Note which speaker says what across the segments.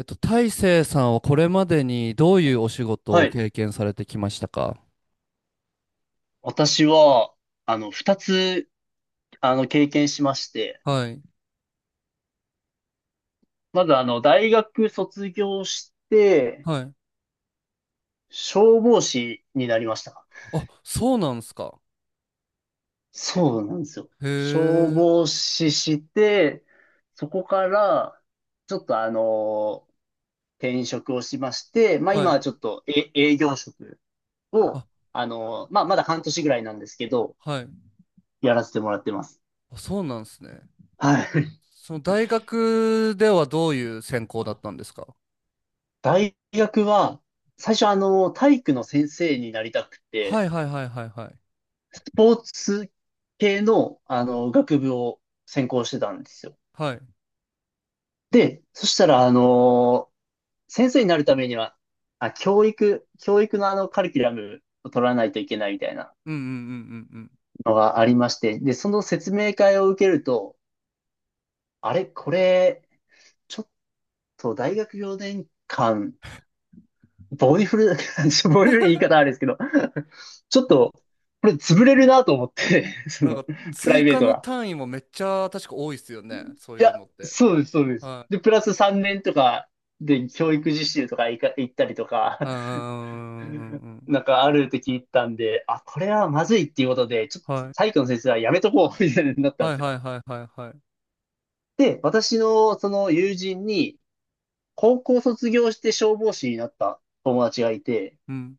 Speaker 1: 大成さんはこれまでにどういうお仕事
Speaker 2: は
Speaker 1: を
Speaker 2: い。
Speaker 1: 経験されてきましたか？
Speaker 2: 私は、二つ、経験しまして、
Speaker 1: はい、
Speaker 2: まず、大学卒業して、
Speaker 1: はい。
Speaker 2: 消防士になりました。
Speaker 1: あ、そうなんですか。
Speaker 2: そうなんですよ。消
Speaker 1: へえ、
Speaker 2: 防士して、そこから、ちょっとあの、転職をしまして、まあ、
Speaker 1: は
Speaker 2: 今
Speaker 1: い。
Speaker 2: はちょっと、営業職を、
Speaker 1: あ、
Speaker 2: まあ、まだ半年ぐらいなんですけど、
Speaker 1: はい。
Speaker 2: やらせてもらってます。
Speaker 1: あ、そうなんですね。
Speaker 2: はい。
Speaker 1: その大学ではどういう専攻だったんですか？
Speaker 2: 大学は、最初体育の先生になりたく
Speaker 1: は
Speaker 2: て、
Speaker 1: いはいはいはいはい。
Speaker 2: スポーツ系の、学部を専攻してたんですよ。
Speaker 1: はい。
Speaker 2: で、そしたら、先生になるためには、教育のカリキュラムを取らないといけないみたいな
Speaker 1: うんうんうんうんうん。
Speaker 2: のがありまして、で、その説明会を受けると、あれ、これ、ちょっと大学4年間ボディフル、ボディフル言い方あれですけど、ちょっ
Speaker 1: な、
Speaker 2: と、これ潰れるなと思って、そ
Speaker 1: なん
Speaker 2: の、
Speaker 1: か
Speaker 2: プライ
Speaker 1: 追
Speaker 2: ベー
Speaker 1: 加
Speaker 2: ト
Speaker 1: の
Speaker 2: が。
Speaker 1: 単位もめっちゃ確か多いっすよね。そう
Speaker 2: い
Speaker 1: い
Speaker 2: や、
Speaker 1: うのって。
Speaker 2: そうです、そうです。
Speaker 1: はい。
Speaker 2: で、プラス3年とかで教育実習とか行ったりとか、
Speaker 1: あーう んうんうんうん。
Speaker 2: なんかあるって聞いたんで、あ、これはまずいっていうことで、ちょっと
Speaker 1: はい。
Speaker 2: 体育の先生はやめとこう、みたいになったん
Speaker 1: は
Speaker 2: で
Speaker 1: い
Speaker 2: すよ。
Speaker 1: はいはいはいはい。
Speaker 2: で、私のその友人に、高校卒業して消防士になった友達がいて、
Speaker 1: うん。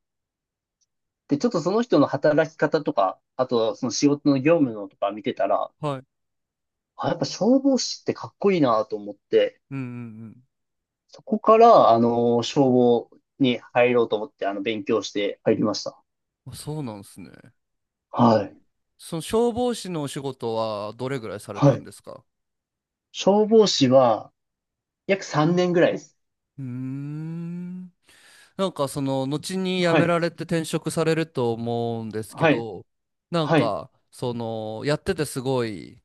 Speaker 2: で、ちょっとその人の働き方とか、あとその仕事の業務のとか見てたら、
Speaker 1: はい
Speaker 2: あ、やっぱ消防士ってかっこいいなと思って、
Speaker 1: うんうん
Speaker 2: そこから、消防に入ろうと思って、勉強して入りました。
Speaker 1: うん。あ、そうなんですね。
Speaker 2: はい。
Speaker 1: その消防士のお仕事はどれぐらいされた
Speaker 2: は
Speaker 1: ん
Speaker 2: い。
Speaker 1: ですか？
Speaker 2: 消防士は、約3年ぐらいです。
Speaker 1: うーん。なんかその後に辞
Speaker 2: は
Speaker 1: め
Speaker 2: い。
Speaker 1: られて転職されると思うんですけ
Speaker 2: はい。
Speaker 1: ど、なん
Speaker 2: はい。
Speaker 1: かそのやっててすごい、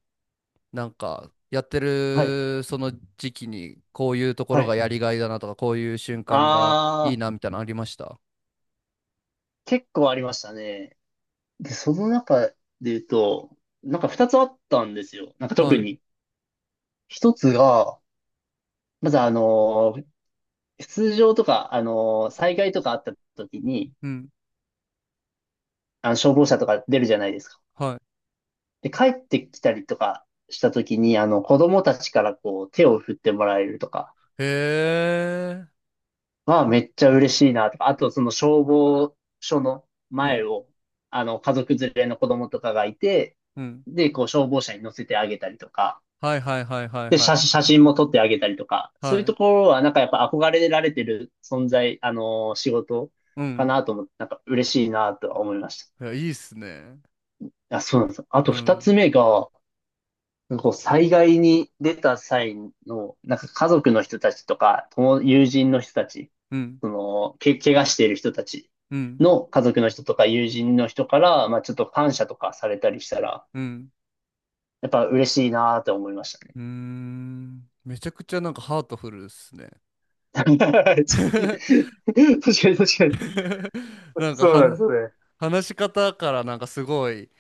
Speaker 1: なんかやって
Speaker 2: はい。
Speaker 1: るその時期にこういうとこ
Speaker 2: は
Speaker 1: ろが
Speaker 2: い。
Speaker 1: やりがいだなとか、こういう瞬間が
Speaker 2: あ
Speaker 1: いいな
Speaker 2: ー、
Speaker 1: みたいなのありました？
Speaker 2: 結構ありましたね。で、その中で言うと、なんか2つあったんですよ。なんか特
Speaker 1: は
Speaker 2: に。
Speaker 1: い。
Speaker 2: 一つが、まず通常とか、災害とかあった時に、
Speaker 1: うん。
Speaker 2: 消防車とか出るじゃないですか。
Speaker 1: は
Speaker 2: で、帰ってきたりとかした時に、子供たちからこう、手を振ってもらえるとか
Speaker 1: い。へえ。
Speaker 2: はめっちゃ嬉しいなとか、あとその消防署の
Speaker 1: う
Speaker 2: 前
Speaker 1: ん。
Speaker 2: を、家族連れの子供とかがいて、
Speaker 1: うん。
Speaker 2: で、こう、消防車に乗せてあげたりとか、
Speaker 1: はいはいはいはい
Speaker 2: で、
Speaker 1: はい。
Speaker 2: 写真も撮ってあげたりとか、そう
Speaker 1: は
Speaker 2: いうと
Speaker 1: い。
Speaker 2: ころはなんかやっぱ憧れられてる存在、仕事
Speaker 1: う
Speaker 2: か
Speaker 1: ん。
Speaker 2: なと思って、なんか嬉しいなとは思いました。
Speaker 1: いや、いいっすね。
Speaker 2: あ、そうなんです。あと
Speaker 1: う
Speaker 2: 二つ
Speaker 1: ん。
Speaker 2: 目が、なんかこう災害に出た際の、なんか家族の人たちとか、友人の人たち、
Speaker 1: うん。
Speaker 2: 怪我している人たち
Speaker 1: うん。
Speaker 2: の家族の人とか友人の人から、まあちょっと感謝とかされたりしたら、
Speaker 1: うん。
Speaker 2: やっぱ嬉しいなーって思いましたね。
Speaker 1: うーん。めちゃくちゃなんかハートフルっすね。
Speaker 2: 確か に確かに。
Speaker 1: なんか
Speaker 2: そうなんですよね。
Speaker 1: 話し方からなんかすごい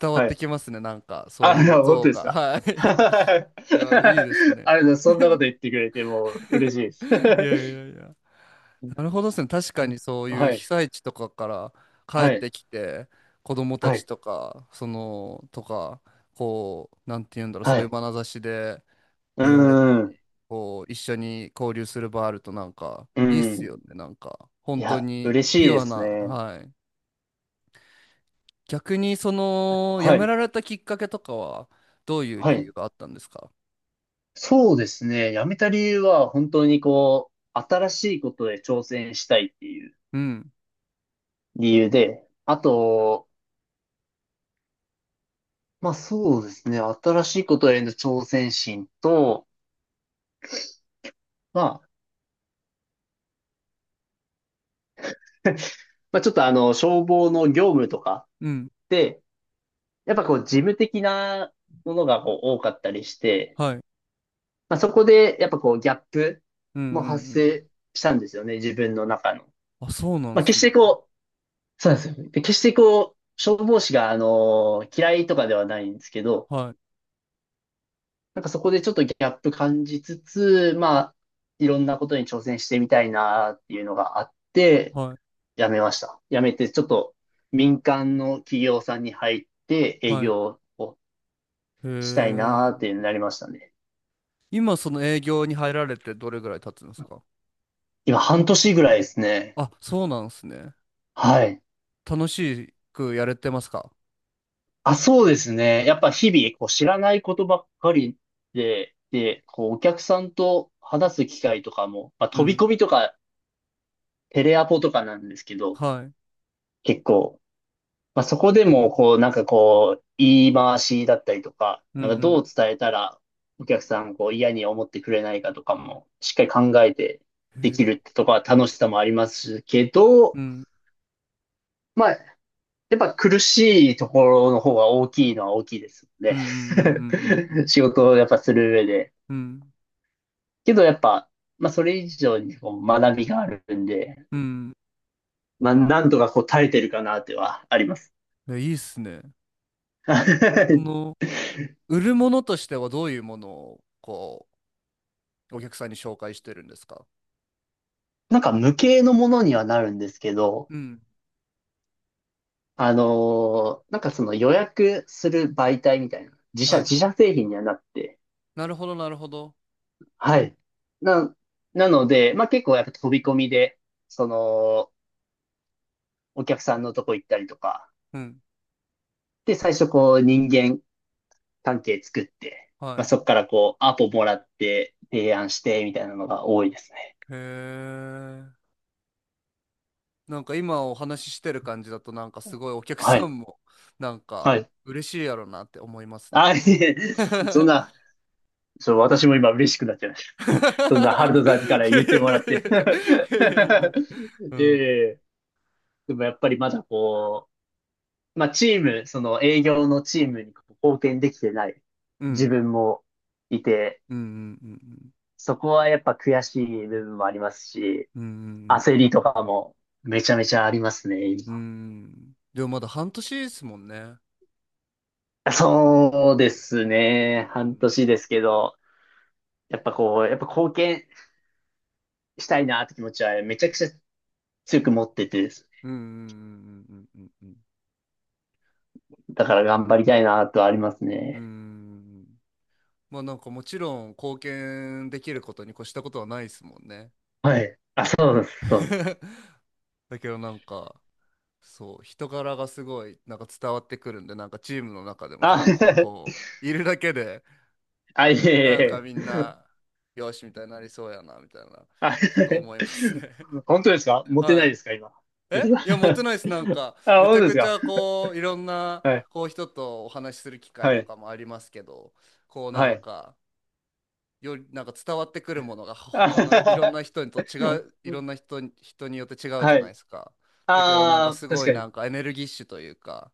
Speaker 1: 伝わっ
Speaker 2: は
Speaker 1: て
Speaker 2: い。
Speaker 1: きますね。なんかそう
Speaker 2: あ、
Speaker 1: い
Speaker 2: い
Speaker 1: う
Speaker 2: や、本
Speaker 1: 像
Speaker 2: 当です
Speaker 1: が。
Speaker 2: か。
Speaker 1: はい。いや、いいですね。
Speaker 2: あれだ、そんなこと言ってくれてもう嬉しいです。
Speaker 1: いやいやいや。なるほどですね。確かにそ ういう
Speaker 2: は
Speaker 1: 被
Speaker 2: い。
Speaker 1: 災地とかから
Speaker 2: は
Speaker 1: 帰っ
Speaker 2: い、
Speaker 1: てきて、子供た
Speaker 2: は
Speaker 1: ち
Speaker 2: い、
Speaker 1: とか、その、とか、こう、なんて言うんだろう、そ
Speaker 2: は
Speaker 1: ういう
Speaker 2: い。
Speaker 1: 眼差しで、
Speaker 2: う
Speaker 1: 見られた
Speaker 2: ーん、
Speaker 1: り、
Speaker 2: う
Speaker 1: こう、一緒に交流する場あるとなんか、いいっす
Speaker 2: ん。
Speaker 1: よね、なんか、
Speaker 2: い
Speaker 1: 本当
Speaker 2: や、
Speaker 1: に
Speaker 2: 嬉
Speaker 1: ピ
Speaker 2: しい
Speaker 1: ュ
Speaker 2: で
Speaker 1: ア
Speaker 2: す
Speaker 1: な、
Speaker 2: ね。
Speaker 1: はい。逆に、その、辞
Speaker 2: は
Speaker 1: め
Speaker 2: い、
Speaker 1: られたきっかけとかは、どういう
Speaker 2: は
Speaker 1: 理
Speaker 2: い。
Speaker 1: 由があったんですか？
Speaker 2: そうですね。辞めた理由は、本当にこう、新しいことで挑戦したいっていう
Speaker 1: うん、
Speaker 2: 理由で、あと、まあそうですね。新しいことへの挑戦心と、まあ、まあ、ちょっとあの、消防の業務とか
Speaker 1: うん、
Speaker 2: って、やっぱこう、事務的なものがこう多かったりして、
Speaker 1: はい、
Speaker 2: まあ、そこで、やっぱこう、ギャップ
Speaker 1: うん、うん、う
Speaker 2: も発
Speaker 1: ん。
Speaker 2: 生したんですよね、自分の中の。
Speaker 1: あ、そうなんで
Speaker 2: まあ、
Speaker 1: す
Speaker 2: 決し
Speaker 1: ね。
Speaker 2: てこう、そうなんですよ。で、決してこう、消防士が、嫌いとかではないんですけど、
Speaker 1: はい、
Speaker 2: なんかそこでちょっとギャップ感じつつ、まあ、いろんなことに挑戦してみたいなっていうのがあって、
Speaker 1: はい、
Speaker 2: 辞めました。辞めて、ちょっと民間の企業さんに入って営
Speaker 1: はい。
Speaker 2: 業を
Speaker 1: へ
Speaker 2: したいな
Speaker 1: え。
Speaker 2: っていうのになりましたね。
Speaker 1: 今、その営業に入られてどれぐらい経つんですか？
Speaker 2: 今、半年ぐらいですね。
Speaker 1: あ、そうなんですね。
Speaker 2: はい。
Speaker 1: 楽しくやれてますか？
Speaker 2: あ、そうですね。やっぱ日々、こう、知らないことばっかりで、で、こう、お客さんと話す機会とかも、まあ、
Speaker 1: う
Speaker 2: 飛び
Speaker 1: ん、
Speaker 2: 込みとか、テレアポとかなんですけど、
Speaker 1: はい、
Speaker 2: 結構、まあ、そこでも、こう、なんかこう、言い回しだったりとか、
Speaker 1: うん、う
Speaker 2: なんか
Speaker 1: ん。
Speaker 2: どう伝えたら、お客さん、こう、嫌に思ってくれないかとかも、しっかり考えて
Speaker 1: へ
Speaker 2: でき
Speaker 1: え、
Speaker 2: るってとこは楽しさもありますけ
Speaker 1: う
Speaker 2: ど、
Speaker 1: ん。
Speaker 2: まあ、やっぱ苦しいところの方が大きいのは大きいですの
Speaker 1: うんうんうんうん
Speaker 2: で 仕事をやっぱする上で。
Speaker 1: うんうん。
Speaker 2: けどやっぱ、まあそれ以上にこう学びがあるんで、
Speaker 1: うん。
Speaker 2: まあなんとかこう耐えてるかなってはあります。
Speaker 1: いやいいっすね。こ の、売るものとしてはどういうものを、こう、お客さんに紹介してるんですか？
Speaker 2: なんか無形のものにはなるんですけど、
Speaker 1: うん。
Speaker 2: なんかその予約する媒体みたいな、
Speaker 1: はい。
Speaker 2: 自社製品にはなって、
Speaker 1: なるほど、なるほど。
Speaker 2: はい。な、なので、まあ結構やっぱ飛び込みで、その、お客さんのとこ行ったりとか、
Speaker 1: うん。
Speaker 2: で、最初こう人間関係作って、ま
Speaker 1: は
Speaker 2: あ、
Speaker 1: い。
Speaker 2: そこからこうアポもらって提案してみたいなのが多いですね。
Speaker 1: へえ。なんか今お話ししてる感じだと、なんかすごいお客
Speaker 2: は
Speaker 1: さ
Speaker 2: い。
Speaker 1: んも、なん
Speaker 2: は
Speaker 1: か、
Speaker 2: い。
Speaker 1: 嬉しいやろなって思いますね。
Speaker 2: あ、いえ、
Speaker 1: い
Speaker 2: そんな、そう、私も今嬉しくなっちゃいました。そんな
Speaker 1: やいやいやいやいやいやいやいや
Speaker 2: ハルトさんから言ってもらって。
Speaker 1: いやいや、 う
Speaker 2: え
Speaker 1: ん
Speaker 2: え、でもやっぱりまだこう、まあチーム、その営業のチームにこう貢献できてない
Speaker 1: う
Speaker 2: 自
Speaker 1: ん
Speaker 2: 分もいて、
Speaker 1: うんうんうん
Speaker 2: そこはやっぱ悔しい部分もありますし、
Speaker 1: うんうんうんうん。
Speaker 2: 焦りとかもめちゃめちゃありますね、
Speaker 1: うー
Speaker 2: 今。
Speaker 1: ん。でもまだ半年ですもんね。
Speaker 2: そうですね。半年ですけど、やっぱこう、やっぱ貢献したいなって気持ちはめちゃくちゃ強く持っててです
Speaker 1: うんうんうんうんうんうんうん。
Speaker 2: ね。だから頑張りたいなとはあります
Speaker 1: う
Speaker 2: ね。
Speaker 1: ん。まあなんかもちろん貢献できることに越したことはないですもんね。
Speaker 2: はい。あ、そうです、そうです。
Speaker 1: だけどなんか、そう人柄がすごいなんか伝わってくるんで、なんかチームの中でも
Speaker 2: あ、
Speaker 1: 結構こういるだけで
Speaker 2: あ、いえい
Speaker 1: なんか
Speaker 2: え
Speaker 1: み
Speaker 2: いえ。
Speaker 1: んなよしみたいになりそうやなみたいな、
Speaker 2: あ
Speaker 1: ちょっと思いますね。
Speaker 2: 本当ですか 持ってない
Speaker 1: は
Speaker 2: ですか今。
Speaker 1: い。いや、持ってないです。なんか、
Speaker 2: あ、
Speaker 1: めち
Speaker 2: 本当
Speaker 1: ゃ
Speaker 2: で
Speaker 1: く
Speaker 2: す
Speaker 1: ち
Speaker 2: か。
Speaker 1: ゃ、こう、いろんな、
Speaker 2: はい、
Speaker 1: こう、人とお話しする機会
Speaker 2: は
Speaker 1: と
Speaker 2: い、
Speaker 1: かもありますけど、こう、な
Speaker 2: は
Speaker 1: ん
Speaker 2: い。
Speaker 1: か、より、なんか伝わってくるものが、他のいろん
Speaker 2: あ
Speaker 1: な人と違う、いろんな人に、人によって違うじ
Speaker 2: は
Speaker 1: ゃない
Speaker 2: い。
Speaker 1: ですか。だけど、なんか、
Speaker 2: あ
Speaker 1: す
Speaker 2: あ、確
Speaker 1: ごい、
Speaker 2: か
Speaker 1: な
Speaker 2: に。
Speaker 1: んか、エネルギッシュというか、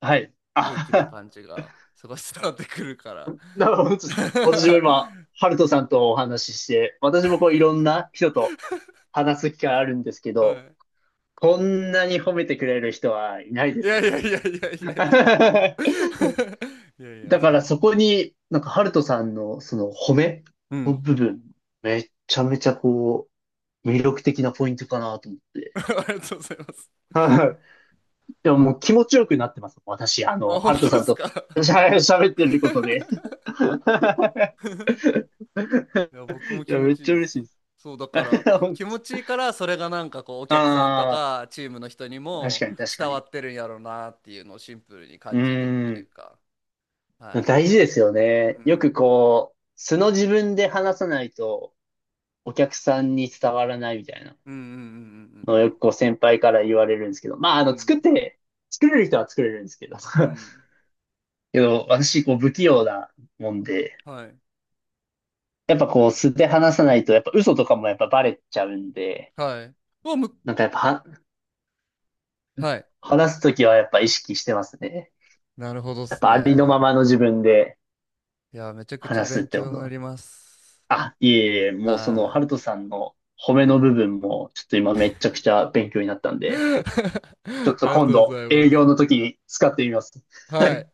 Speaker 2: はい。
Speaker 1: 元気な
Speaker 2: あ
Speaker 1: 感じが、すごい伝わってくるから。
Speaker 2: なるほど、本当ですか。私も今、ハルトさんとお話しして、私もこういろんな人と話す機会あるんですけ
Speaker 1: は
Speaker 2: ど、
Speaker 1: い。
Speaker 2: こんなに褒めてくれる人はいないで
Speaker 1: い
Speaker 2: す
Speaker 1: や
Speaker 2: よ。
Speaker 1: いやいやいやいやいや。いやいや、
Speaker 2: だか
Speaker 1: そ
Speaker 2: ら
Speaker 1: の。
Speaker 2: そこに、なんかハルトさんのその褒め
Speaker 1: う
Speaker 2: の
Speaker 1: ん。
Speaker 2: 部分、めちゃめちゃこう、魅力的なポイントかなと思っ て。
Speaker 1: ありがとうございます。
Speaker 2: はい。でももう気持ちよくなってます。私、
Speaker 1: あ、
Speaker 2: ハ
Speaker 1: 本
Speaker 2: ルト
Speaker 1: 当で
Speaker 2: さん
Speaker 1: す
Speaker 2: と、
Speaker 1: か？
Speaker 2: 喋ってることで。
Speaker 1: いや、僕も
Speaker 2: い
Speaker 1: 気
Speaker 2: や、
Speaker 1: 持
Speaker 2: めっ
Speaker 1: ちいい
Speaker 2: ちゃ
Speaker 1: で
Speaker 2: 嬉し
Speaker 1: す。
Speaker 2: いです。
Speaker 1: そう、だから、
Speaker 2: 本
Speaker 1: 気
Speaker 2: 当、
Speaker 1: 持ちいいから、それがなんかこう、お客さんと
Speaker 2: あ
Speaker 1: か、チームの人に
Speaker 2: あ、確
Speaker 1: も
Speaker 2: かに確か
Speaker 1: 伝わ
Speaker 2: に。
Speaker 1: ってるんやろうなっていうのをシンプルに
Speaker 2: う
Speaker 1: 感じるってい
Speaker 2: ー
Speaker 1: う
Speaker 2: ん。
Speaker 1: か、はい。
Speaker 2: 大事ですよね。
Speaker 1: う
Speaker 2: よく
Speaker 1: ん。
Speaker 2: こう、素の自分で話さないとお客さんに伝わらないみたいな
Speaker 1: うんうん
Speaker 2: のを
Speaker 1: うんう
Speaker 2: よ
Speaker 1: ん
Speaker 2: くこう先輩から言われるんですけど、まあ、
Speaker 1: うんうん。
Speaker 2: 作って、作れる人は作れるんですけど、
Speaker 1: うん。うん
Speaker 2: けど、私、こう、不器用なもんで、
Speaker 1: はい。
Speaker 2: やっぱこう、素で話さないと、やっぱ嘘とかもやっぱバレちゃうんで、
Speaker 1: はい。うわ、
Speaker 2: なんかやっぱは、
Speaker 1: はい。
Speaker 2: 話すときはやっぱ意識してますね。
Speaker 1: なるほどっ
Speaker 2: やっ
Speaker 1: す
Speaker 2: ぱありのま
Speaker 1: ね。
Speaker 2: まの自分で
Speaker 1: いや、めちゃくちゃ
Speaker 2: 話すっ
Speaker 1: 勉
Speaker 2: て
Speaker 1: 強
Speaker 2: こ
Speaker 1: に
Speaker 2: と
Speaker 1: な
Speaker 2: だ。
Speaker 1: ります。
Speaker 2: いえいえ、もうその、ハ
Speaker 1: は
Speaker 2: ルトさんの褒めの部分も、ちょっと今めちゃくちゃ勉強になったん
Speaker 1: い。
Speaker 2: で、ちょっ
Speaker 1: あ
Speaker 2: と
Speaker 1: りが
Speaker 2: 今
Speaker 1: とうご
Speaker 2: 度、
Speaker 1: ざい
Speaker 2: 営
Speaker 1: ます。
Speaker 2: 業の時に使ってみます。は
Speaker 1: は
Speaker 2: い。
Speaker 1: い。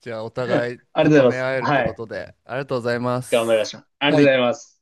Speaker 1: じゃあ、お互い
Speaker 2: ありが
Speaker 1: 高
Speaker 2: とうご
Speaker 1: め
Speaker 2: ざい
Speaker 1: 合え
Speaker 2: ます。
Speaker 1: るっ
Speaker 2: は
Speaker 1: てこ
Speaker 2: い。
Speaker 1: とで、ありがとうございま
Speaker 2: 頑張りま
Speaker 1: す。
Speaker 2: しょう。ありが
Speaker 1: は
Speaker 2: とうご
Speaker 1: い。
Speaker 2: ざいます。